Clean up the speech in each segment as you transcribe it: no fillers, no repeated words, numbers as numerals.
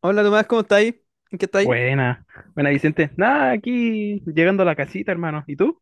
Hola Tomás, ¿cómo estáis? ¿En qué estáis? Buena, buena Vicente. Nada, aquí llegando a la casita, hermano. ¿Y tú?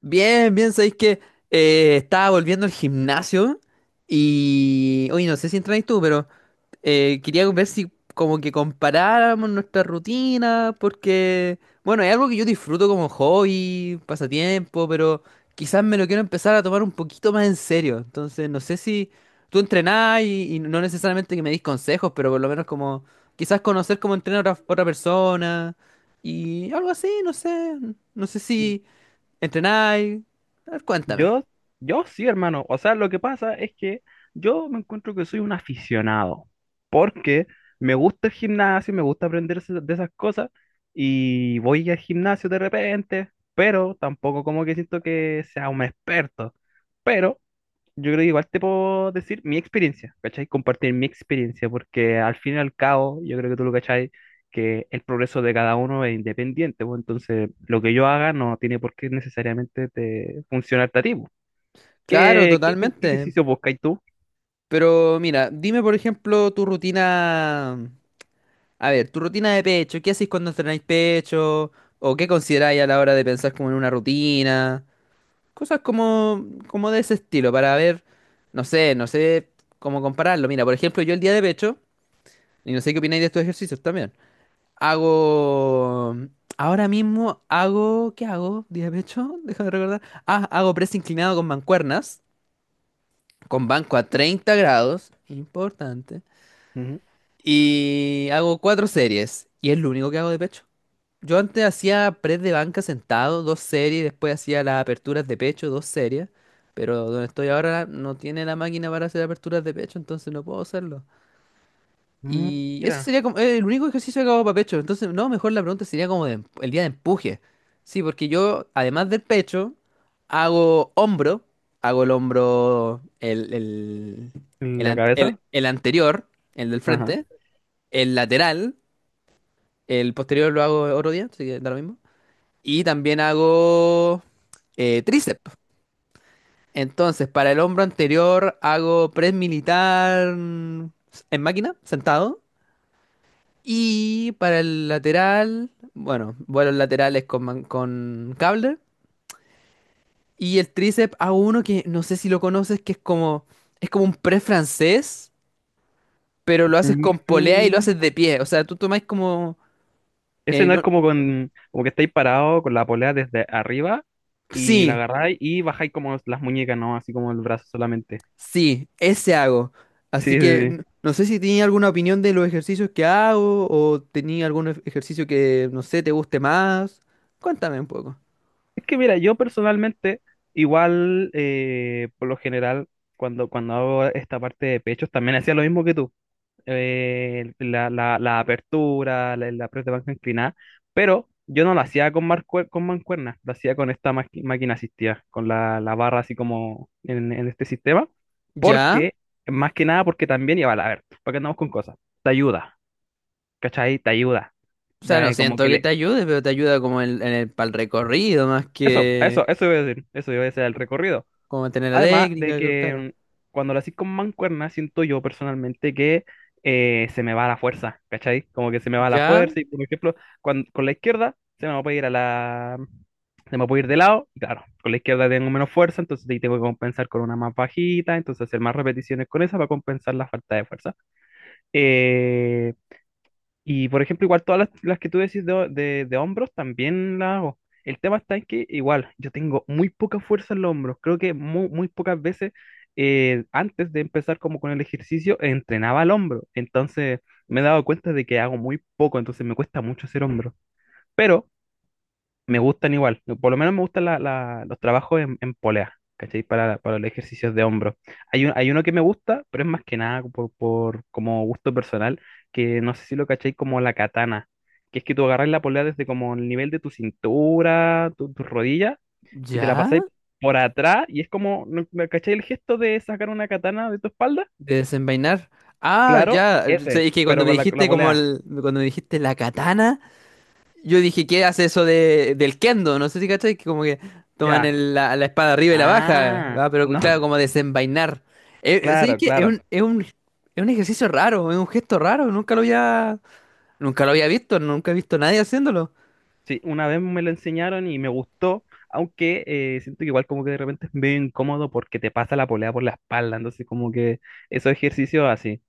Bien, bien, sabéis que estaba volviendo al gimnasio y. Oye, no sé si entrenáis tú, pero quería ver si como que comparáramos nuestras rutinas, porque, bueno, es algo que yo disfruto como hobby, pasatiempo, pero quizás me lo quiero empezar a tomar un poquito más en serio. Entonces, no sé si tú entrenás y no necesariamente que me des consejos, pero por lo menos como quizás conocer cómo entrena otra persona y algo así, no sé si entrenáis. A ver, cuéntame. Yo, yo sí, hermano. O sea, lo que pasa es que yo me encuentro que soy un aficionado, porque me gusta el gimnasio, me gusta aprender de esas cosas, y voy al gimnasio de repente, pero tampoco como que siento que sea un experto. Pero yo creo que igual te puedo decir mi experiencia, ¿cachai? Compartir mi experiencia, porque al fin y al cabo, yo creo que tú lo cachai, que el progreso de cada uno es independiente, pues entonces lo que yo haga no tiene por qué necesariamente te funcionarte a ti pues. Claro, ¿ Qué totalmente. ejercicio buscas tú? Pero mira, dime por ejemplo tu rutina. A ver, tu rutina de pecho, ¿qué hacéis cuando entrenáis pecho? ¿O qué consideráis a la hora de pensar como en una rutina? Cosas como de ese estilo, para ver, no sé cómo compararlo. Mira, por ejemplo, yo el día de pecho, y no sé qué opináis de estos ejercicios también, hago... Ahora mismo hago... ¿Qué hago? ¿Día de pecho? Déjame recordar. Ah, hago press inclinado con mancuernas, con banco a 30 grados, importante. Ujú. Y hago cuatro series, y es lo único que hago de pecho. Yo antes hacía press de banca sentado, dos series, después hacía las aperturas de pecho, dos series, pero donde estoy ahora no tiene la máquina para hacer aperturas de pecho, entonces no puedo hacerlo. Mm, Y eso mira, sería como el único ejercicio que hago para pecho, entonces no, mejor la pregunta sería como de el día de empuje. Sí, porque yo, además del pecho, hago hombro, hago el hombro, el, el, el, la an- el cabeza. el anterior, el del Ajá. frente, el lateral, el posterior lo hago otro día, así que da lo mismo. Y también hago tríceps. Entonces, para el hombro anterior hago press militar en máquina, sentado. Y para el lateral, bueno, vuelos laterales con cable. Y el tríceps hago uno que no sé si lo conoces, que es como un press francés, pero lo haces con polea y lo Mm, haces de pie. O sea, tú tomáis como... ¿Ese eh, no es no- como con, como que estáis parado con la polea desde arriba y la sí, agarráis y bajáis como las muñecas, no? Así como el brazo solamente. sí, ese hago. Sí, Así sí, que sí. No sé si tenía alguna opinión de los ejercicios que hago o tenía algún ejercicio que, no sé, te guste más. Cuéntame un poco. Es que mira, yo personalmente, igual, por lo general, cuando hago esta parte de pechos, también hacía lo mismo que tú. La apertura, la press de banca inclinada, pero yo no lo hacía con, con mancuernas, lo hacía con esta máquina asistida, con la barra así como en este sistema, ¿Ya? porque, más que nada, porque también, y iba a ver, para porque andamos con cosas, te ayuda, ¿cachai? Te ayuda. O sea, no Da- como siento que que le... te ayude, pero te ayuda como en el, para el recorrido más Eso, que eso, eso iba a decir, eso iba a decir el recorrido. como mantener la Además de técnica, que- claro. que cuando lo haces con mancuerna, siento yo personalmente que se me va la fuerza, ¿cachai? Como que se me va la ¿Ya? fuerza y, por ejemplo, con la izquierda se me puede ir a la... se me puede ir de lado, y claro, con la izquierda tengo menos fuerza, entonces ahí tengo que compensar con una más bajita, entonces hacer más repeticiones con esa para compensar la falta de fuerza. Eh, y por ejemplo, igual todas las que tú decís de, de hombros también las hago. El tema está en que igual yo tengo muy poca fuerza en los hombros. Creo que muy pocas veces antes de empezar como con el ejercicio entrenaba el hombro. Entonces me he dado cuenta de que hago muy poco, entonces me cuesta mucho hacer hombro. Pero me gustan igual. Por lo menos me gustan los trabajos en polea, ¿cachai? Para los ejercicios de hombro. Hay, hay uno que me gusta, pero es más que nada por, por como gusto personal, que no sé si lo cachai, como la katana, que es que tú agarras la polea desde como el nivel de tu cintura, tu, tus rodillas, y te la ¿Ya? pasáis por atrás, y es como, ¿no- no cachai el gesto de sacar una katana de tu espalda? De desenvainar. Ah, Claro, ya. O sea, ese, es que cuando pero me con la dijiste como polea. el, cuando me dijiste la katana, yo dije, ¿qué hace eso de, del kendo? No sé si cachai, que como que toman Ya. la espada arriba y la baja, Ah, ¿va? Pero no, claro, como desenvainar. ¿Sabes claro, qué? Es un, claro. es un, es un ejercicio raro, es un gesto raro, nunca lo había, nunca he visto a nadie haciéndolo. Sí, una vez me lo enseñaron y me gustó, aunque siento que igual como que de repente es medio incómodo porque te pasa la polea por la espalda, entonces como que esos ejercicios así.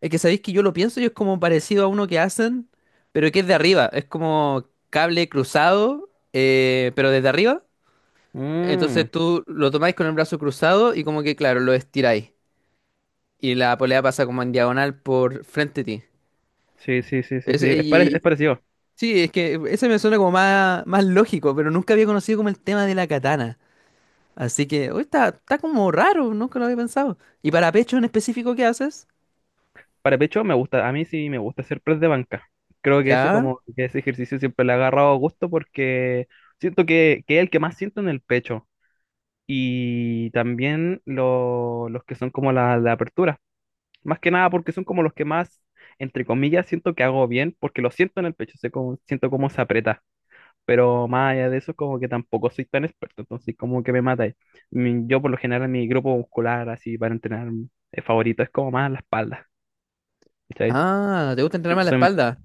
Es que sabéis que yo lo pienso y es como parecido a uno que hacen, pero que es de arriba, es como cable cruzado, pero desde arriba. Entonces Mm, tú lo tomáis con el brazo cruzado y como que, claro, lo estiráis. Y la polea pasa como en diagonal por frente a ti. sí, sí, sí, sí, sí, Ese- es, y- pare- es y- parecido. sí, es que ese me suena como más lógico, pero nunca había conocido como el tema de la katana. Así que, hoy está, está como raro, nunca lo había pensado. ¿Y para pecho en específico qué haces? Para pecho me gusta, a mí sí me gusta hacer press de banca. Creo que ese, Ya. como que ese ejercicio siempre le ha agarrado gusto porque siento que es el que más siento en el pecho y también los que son como la apertura. Más que nada porque son como los que más, entre comillas, siento que hago bien, porque lo siento en el pecho, sé cómo, siento cómo se aprieta. Pero más allá de eso, como que tampoco soy tan experto, entonces como que me mata ahí. Yo por lo general, mi grupo muscular, así para entrenar, favorito es como más la espalda, ¿cachai? Ah, ¿te gusta entrenar Yo más la soy- espalda?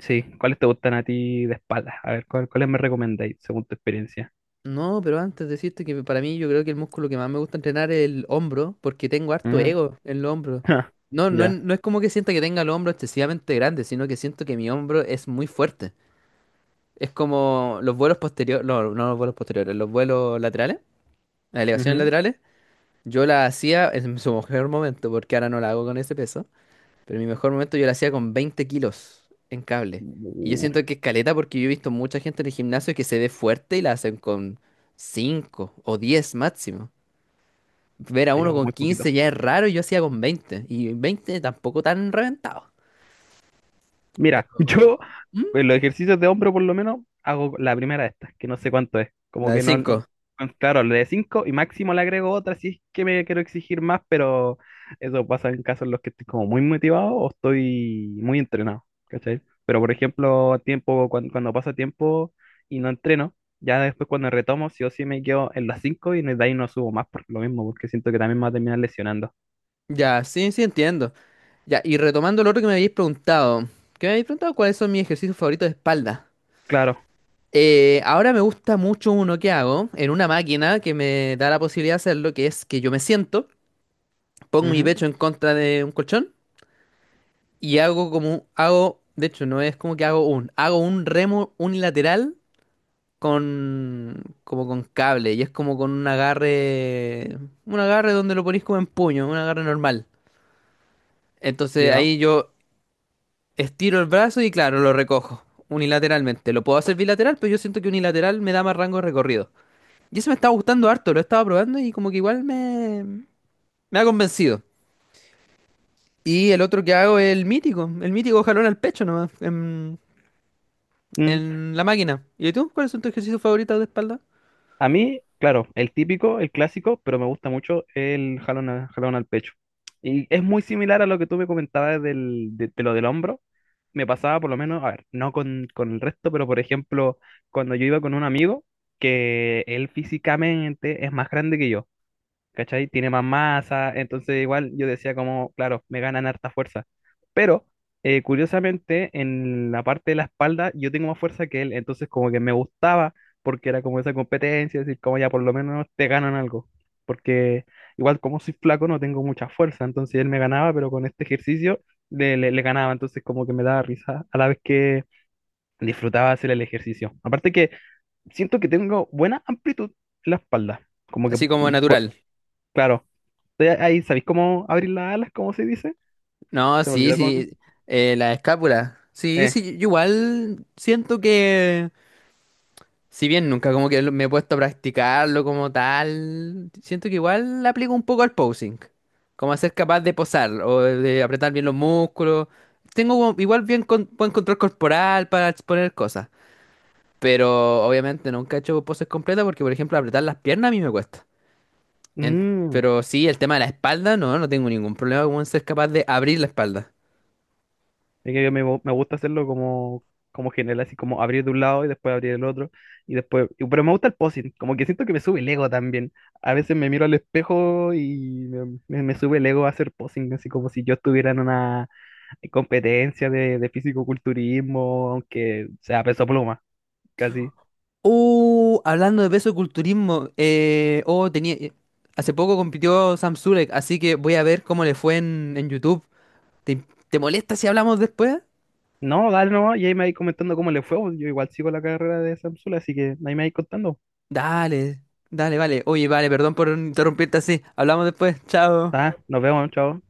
sí, ¿cuáles te gustan a ti de espalda? A ver, ¿cuáles me recomendáis según tu experiencia? No, pero antes decirte que para mí yo creo que el músculo que más me gusta entrenar es el hombro, porque tengo harto Mm, ego en el hombro. No, no, Ya. no es como que sienta que tenga el hombro excesivamente grande, sino que siento que mi hombro es muy fuerte. Es como los vuelos posteriores, no, no los vuelos posteriores, los vuelos laterales. Las elevaciones Ujú. laterales, yo la hacía en su mejor momento, porque ahora no la hago con ese peso, pero en mi mejor momento yo la hacía con 20 kilos en cable. Y yo Uh, siento que es caleta porque yo he visto mucha gente en el gimnasio que se ve fuerte y la hacen con 5 o 10 máximo. Ver a ahí uno hago con muy poquito. 15 ya es raro y yo hacía con 20. Y 20 tampoco tan reventado. Mira, No. yo ¿Mm? pues, los ejercicios de hombro por lo menos hago la primera de estas, que no sé cuánto es. Como La de que no, no, cinco. claro, le de 5 y máximo le agrego otra si es que me quiero exigir más, pero eso pasa en casos en los que estoy como muy motivado o estoy muy entrenado, ¿cachai? Pero por ejemplo, tiempo, cuando pasa tiempo y no entreno, ya después cuando retomo, sí o sí me quedo en las 5 y de ahí no subo más por lo mismo, porque siento que también me va a terminar lesionando. Ya, sí, sí entiendo. Ya, y retomando lo otro que me habéis preguntado. ¿Qué me habéis preguntado? ¿Cuáles son mis ejercicios favoritos de espalda? Claro. Ahora me gusta mucho uno que hago en una máquina que me da la posibilidad de hacerlo, que es que yo me siento, pongo mi Ujú. pecho en contra de un colchón y hago como, hago, de hecho no es como que hago un remo unilateral con, como con cable y es como con un agarre donde lo ponís como en puño, un agarre normal. Entonces Ya. ahí yo estiro el brazo y claro, lo recojo unilateralmente. Lo puedo hacer bilateral, pero yo siento que unilateral me da más rango de recorrido. Y eso me estaba gustando harto, lo estaba probando y como que igual me, me ha convencido. Y el otro que hago es el mítico jalón al pecho nomás, Mm. en la máquina. ¿Y tú? ¿Cuáles son tus ejercicios favoritos de espalda? A mí, claro, el típico, el clásico, pero me gusta mucho el jalón, jalón al pecho. Y es muy similar a lo que tú me comentabas del, de lo del hombro. Me pasaba por lo menos, a ver, no con, con el resto, pero por ejemplo, cuando yo iba con un amigo, que él físicamente es más grande que yo, ¿cachai? Tiene más masa, entonces igual yo decía como, claro, me ganan harta fuerza. Pero curiosamente en la parte de la espalda yo tengo más fuerza que él, entonces como que me gustaba porque era como esa competencia, decir como ya por lo menos te ganan algo, porque igual como soy flaco no tengo mucha fuerza, entonces él me ganaba, pero con este ejercicio le le ganaba, entonces como que me daba risa a la vez que disfrutaba hacer el ejercicio. Aparte que siento que tengo buena amplitud en la espalda. Como que Así como mm, po- natural. claro. Entonces, ahí, ¿sabéis cómo abrir las alas? ¿Cómo se dice? No, Se me sí, olvidó cómo. sí. La escápula. Sí, Eh. sí, yo igual siento que si bien nunca como que me he puesto a practicarlo como tal, siento que igual le aplico un poco al posing, como a ser capaz de posar o de apretar bien los músculos. Tengo como igual bien buen control corporal para exponer cosas, pero obviamente nunca he hecho poses completas porque, por ejemplo, apretar las piernas a mí me cuesta. Mm, Pero sí, el tema de la espalda, no, no tengo ningún problema con ser capaz de abrir la espalda. Es que me gusta hacerlo como, como general, así como abrir de un lado y después abrir el otro. Y después. Pero me gusta el posing, como que siento que me sube el ego también. A veces me miro al espejo y me sube el ego a hacer posing, así como si yo estuviera en una competencia de fisicoculturismo, aunque sea peso pluma, casi. Hablando de peso de culturismo, oh, tenía, hace poco compitió Sam Zurek, así que voy a ver cómo le fue en YouTube. ¿Te, te molesta si hablamos después? No, dale nomás, y ahí me vais comentando cómo le fue pues. Yo igual sigo la carrera de Samsula, así que ahí me vais contando. Dale, dale, vale. Oye, vale, perdón por interrumpirte así. Hablamos después. Chao. Tá, nos vemos, chao.